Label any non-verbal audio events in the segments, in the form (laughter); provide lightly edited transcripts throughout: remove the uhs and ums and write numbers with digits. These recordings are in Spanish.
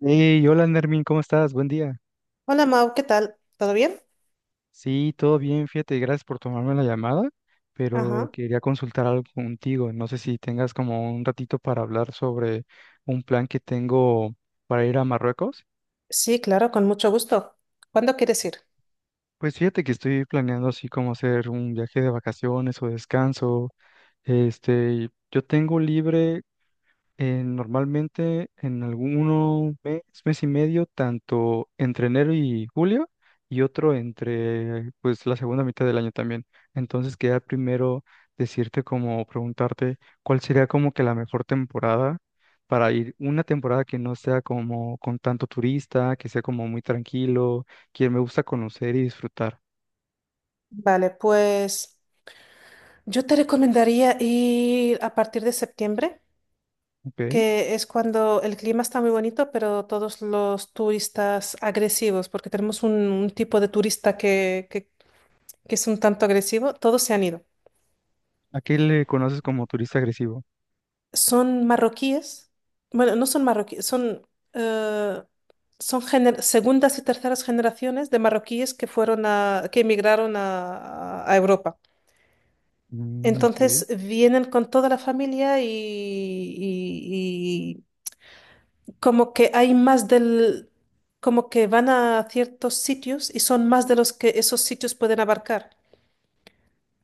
Hey, hola Nermin, ¿cómo estás? Buen día. Hola Mau, ¿qué tal? ¿Todo bien? Sí, todo bien, fíjate, gracias por tomarme la llamada, pero Ajá. quería consultar algo contigo. No sé si tengas como un ratito para hablar sobre un plan que tengo para ir a Marruecos. Sí, claro, con mucho gusto. ¿Cuándo quieres ir? Pues fíjate que estoy planeando así como hacer un viaje de vacaciones o descanso. Yo tengo libre. Normalmente en alguno mes, mes y medio, tanto entre enero y julio, y otro entre pues la segunda mitad del año también. Entonces quería primero decirte, como preguntarte, cuál sería como que la mejor temporada para ir, una temporada que no sea como con tanto turista, que sea como muy tranquilo, que me gusta conocer y disfrutar, Vale, pues yo te recomendaría ir a partir de septiembre, ¿ok? que es cuando el clima está muy bonito, pero todos los turistas agresivos, porque tenemos un tipo de turista que es un tanto agresivo, todos se han ido. ¿A qué le conoces como turista agresivo? Son marroquíes, bueno, no son marroquíes, son, eh, son segundas y terceras generaciones de marroquíes que que emigraron a Europa. Mm, ok. Entonces vienen con toda la familia y como que hay como que van a ciertos sitios y son más de los que esos sitios pueden abarcar.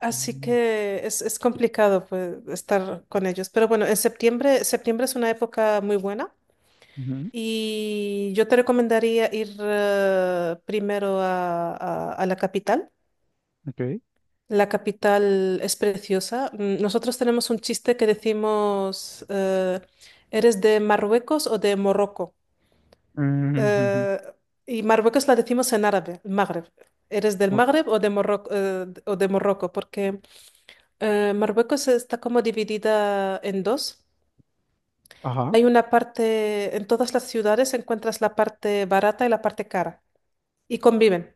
Así Mm, que es complicado pues, estar con ellos. Pero bueno, en septiembre, septiembre es una época muy buena. ujú, Y yo te recomendaría ir primero a la capital. ok. La capital es preciosa. Mm, nosotros tenemos un chiste que decimos, ¿eres de Marruecos o de Morroco? Mm. Eh, (laughs) y Marruecos la decimos en árabe, el Magreb. ¿Eres del Ujú, Magreb o de Morroco, o de Morroco? Porque Marruecos está como dividida en dos. ajá. Hay una parte, en todas las ciudades encuentras la parte barata y la parte cara y conviven.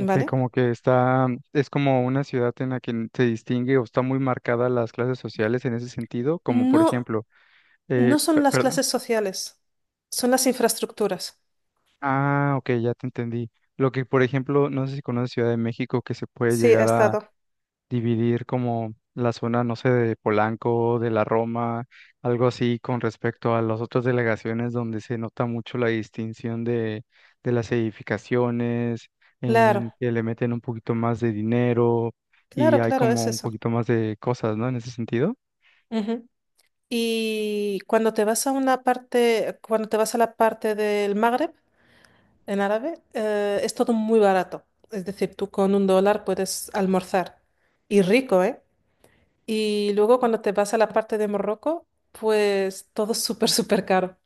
Ok, como que está, es como una ciudad en la que se distingue o está muy marcada las clases sociales en ese sentido, como por No, ejemplo, no son las perdón. clases sociales, son las infraestructuras. Ah, ok, ya te entendí. Lo que, por ejemplo, no sé si conoces Ciudad de México, que se puede Sí, he llegar estado. dividir como la zona, no sé, de Polanco, de la Roma, algo así con respecto a las otras delegaciones donde se nota mucho la distinción de, las edificaciones, Claro, en que le meten un poquito más de dinero y claro, hay claro, es como un eso. poquito más de cosas, ¿no? En ese sentido. Ujú. Y cuando te vas a una parte, cuando te vas a la parte del Magreb, en árabe, es todo muy barato. Es decir, tú con un dólar puedes almorzar. Y rico, ¿eh? Y luego cuando te vas a la parte de Morroco, pues todo es súper, súper caro.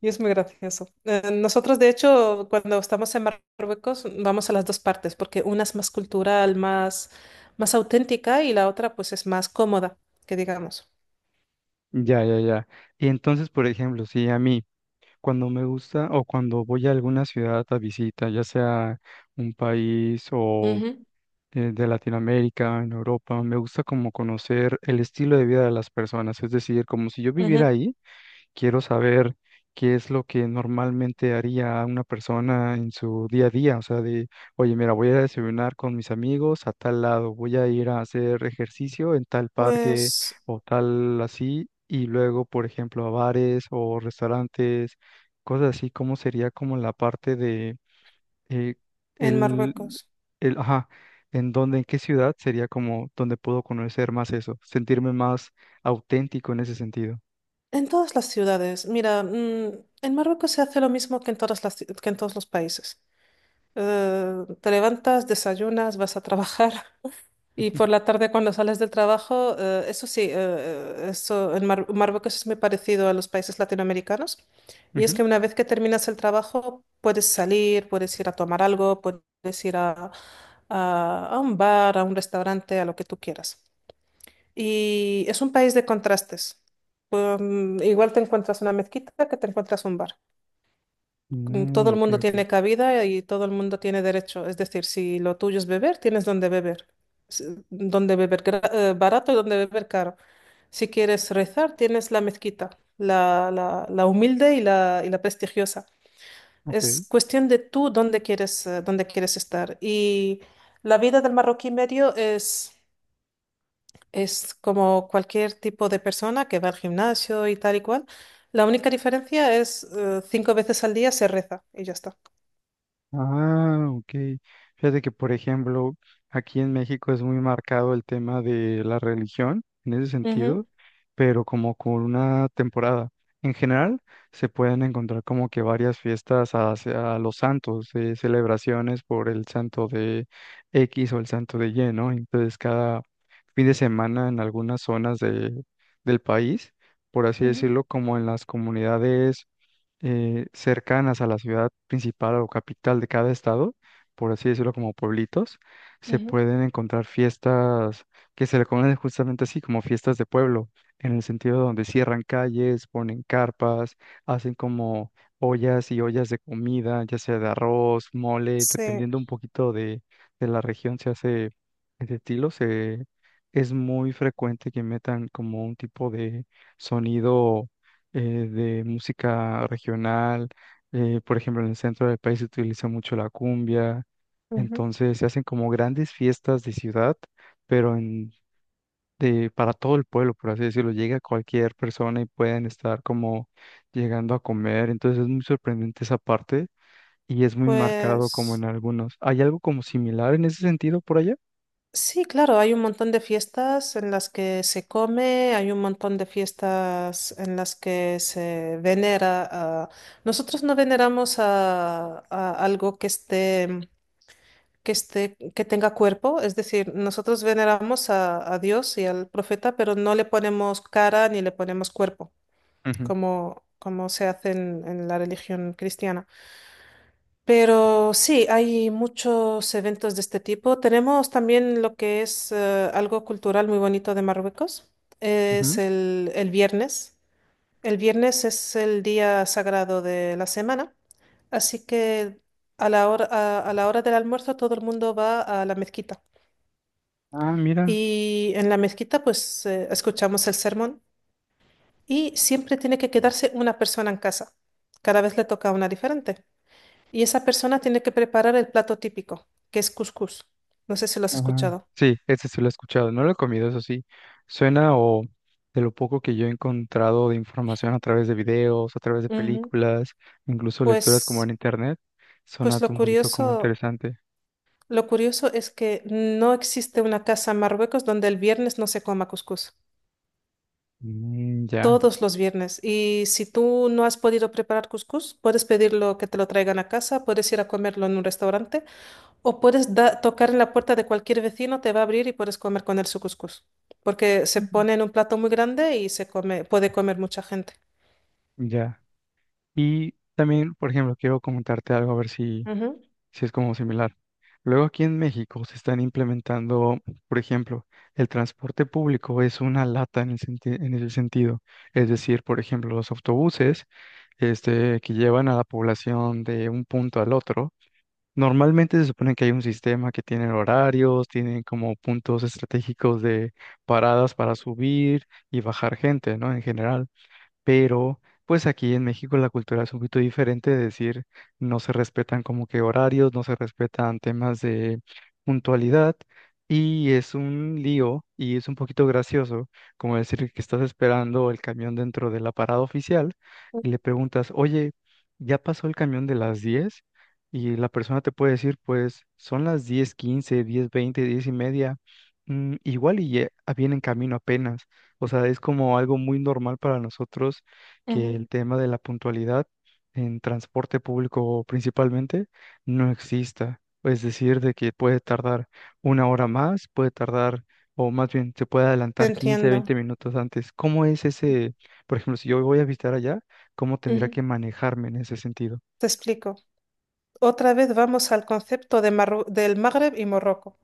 Y es muy gracioso. Nosotros, de hecho, cuando estamos en Marruecos, vamos a las dos partes, porque una es más cultural, más auténtica, y la otra, pues, es más cómoda, que digamos. Ya, ya, ya. Y entonces, por ejemplo, si a mí cuando me gusta o cuando voy a alguna ciudad a visita, ya sea un país o Ujú, de Latinoamérica, en Europa. Me gusta como conocer el estilo de vida de las personas, es decir, como si yo viviera ujú. ahí, quiero saber qué es lo que normalmente haría una persona en su día a día, o sea, de, oye, mira, voy a desayunar con mis amigos a tal lado, voy a ir a hacer ejercicio en tal parque Pues o tal así, y luego, por ejemplo, a bares o restaurantes, cosas así. ¿Cómo sería como la parte de eh, en el, Marruecos, el, ajá, en dónde, en qué ciudad sería como donde puedo conocer más eso, sentirme más auténtico en ese sentido? en todas las ciudades, mira, mm, en Marruecos se hace lo mismo que en todas que en todos los países. Te levantas, desayunas, vas a trabajar. Y Ujú. por la tarde cuando sales del trabajo, eso sí, eso en Marruecos es muy parecido a los países latinoamericanos. Y es Ujú. que una vez que terminas el trabajo, puedes salir, puedes ir a tomar algo, puedes ir a un bar, a un restaurante, a lo que tú quieras. Y es un país de contrastes. Pues, mm, igual te encuentras una mezquita que te encuentras un bar. Mm, todo Mm, el ok, mundo ok, tiene cabida y todo el mundo tiene derecho. Es decir, si lo tuyo es beber, tienes donde beber. Donde beber barato y donde beber caro. Si quieres rezar, tienes la mezquita, la humilde y y la prestigiosa. Es ok. cuestión de tú dónde quieres estar. Y la vida del marroquí medio es como cualquier tipo de persona que va al gimnasio y tal y cual. La única diferencia es 5 veces al día se reza y ya está. Ah, ok. Fíjate que, por ejemplo, aquí en México es muy marcado el tema de la religión en ese sentido, pero como con una temporada. En general, se pueden encontrar como que varias fiestas hacia los santos, celebraciones por el santo de X o el santo de Y, ¿no? Entonces, cada fin de semana en algunas zonas del país, por así Ujú, decirlo, como en las comunidades cercanas a la ciudad principal o capital de cada estado, por así decirlo, como pueblitos, se ujú, pueden encontrar fiestas que se le conocen justamente así, como fiestas de pueblo, en el sentido donde cierran calles, ponen carpas, hacen como ollas y ollas de comida, ya sea de arroz, mole, sí, dependiendo un poquito de la región. Se hace ese estilo. Es muy frecuente que metan como un tipo de sonido, eh, de música regional. Por ejemplo, en el centro del país se utiliza mucho la cumbia. ujú. Entonces se hacen como grandes fiestas de ciudad, pero para todo el pueblo, por así decirlo. Llega cualquier persona y pueden estar como llegando a comer. Entonces es muy sorprendente esa parte y es muy marcado como en Pues algunos. ¿Hay algo como similar en ese sentido por allá? sí, claro, hay un montón de fiestas en las que se come, hay un montón de fiestas en las que se venera a... Nosotros no veneramos a algo que esté, que tenga cuerpo, es decir, nosotros veneramos a Dios y al profeta, pero no le ponemos cara ni le ponemos cuerpo, Ujú. Como se hace en la religión cristiana. Pero sí, hay muchos eventos de este tipo. Tenemos también lo que es algo cultural muy bonito de Marruecos. Es Ujú. El viernes. El viernes es el día sagrado de la semana. Así que a la a la hora del almuerzo todo el mundo va a la mezquita. Ah, mira. Y en la mezquita pues escuchamos el sermón y siempre tiene que quedarse una persona en casa. Cada vez le toca una diferente. Y esa persona tiene que preparar el plato típico, que es cuscús. No sé si lo has Ajá. escuchado. Sí, ese sí lo he escuchado. No lo he comido, eso sí. Suena o De lo poco que yo he encontrado de información a través de videos, a través de Ujú. películas, incluso lecturas como en Pues, internet, suena pues un poquito como interesante. lo curioso es que no existe una casa en Marruecos donde el viernes no se coma cuscús. Mm, ya. Todos los viernes. Y si tú no has podido preparar cuscús, puedes pedirlo que te lo traigan a casa, puedes ir a comerlo en un restaurante o puedes tocar en la puerta de cualquier vecino, te va a abrir y puedes comer con él su cuscús. Porque se Ujú. pone en un plato muy grande y se come, puede comer mucha gente. Ya. Y también, por ejemplo, quiero comentarte algo a ver si. Ujú. Sí, es como similar. Luego aquí en México se están implementando, por ejemplo, el transporte público es una lata en el en ese sentido. Es decir, por ejemplo, los autobuses, que llevan a la población de un punto al otro. Normalmente se supone que hay un sistema que tiene horarios, tienen como puntos estratégicos de paradas para subir y bajar gente, ¿no? En general, pero pues aquí en México la cultura es un poquito diferente, es decir, no se respetan como que horarios, no se respetan temas de puntualidad y es un lío y es un poquito gracioso, como decir que estás esperando el camión dentro de la parada oficial y le preguntas, oye, ¿ya pasó el camión de las 10? Y la persona te puede decir, pues son las 10:15, 10:20, 10:30, igual y ya viene en camino apenas. O sea, es como algo muy normal para nosotros que Ujú, el tema de la puntualidad en transporte público principalmente no exista. Es decir, de que puede tardar una hora más, puede tardar, o más bien se puede te adelantar 15, entiendo. 20 minutos antes. ¿Cómo es ese, por ejemplo, si yo voy a visitar allá, cómo tendría Ujú. que manejarme en ese sentido? Te explico. Otra vez vamos al concepto de del Magreb y Morroco.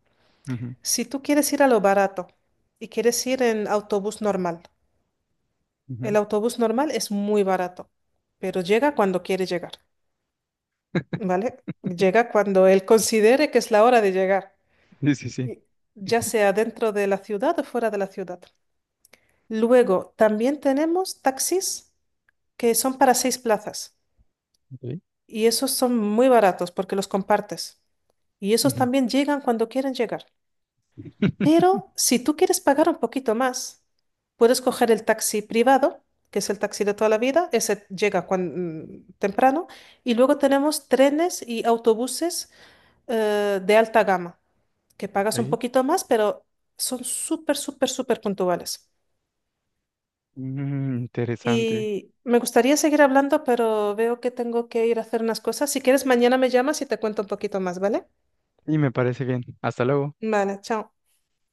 Ujú, Si tú quieres ir a lo barato y quieres ir en autobús normal, el ujú. autobús normal es muy barato, pero llega cuando quiere llegar, ¿vale? Llega cuando él considere que es la hora de llegar, Sí, sí, sí. y- ya sea dentro de la ciudad o fuera de la ciudad. Luego, también tenemos taxis que son para 6 plazas. Ok. Y esos son muy baratos porque los compartes. Y esos Ujú. también llegan cuando quieren llegar. (laughs) Pero si tú quieres pagar un poquito más, puedes coger el taxi privado, que es el taxi de toda la vida, ese llega temprano, y luego tenemos trenes y autobuses de alta gama, que pagas un Ok. poquito más, pero son súper, súper, súper puntuales. Mm, interesante. Y me gustaría seguir hablando, pero veo que tengo que ir a hacer unas cosas. Si quieres, mañana me llamas y te cuento un poquito más, ¿vale? Y me parece bien. Hasta luego. Vale, chao.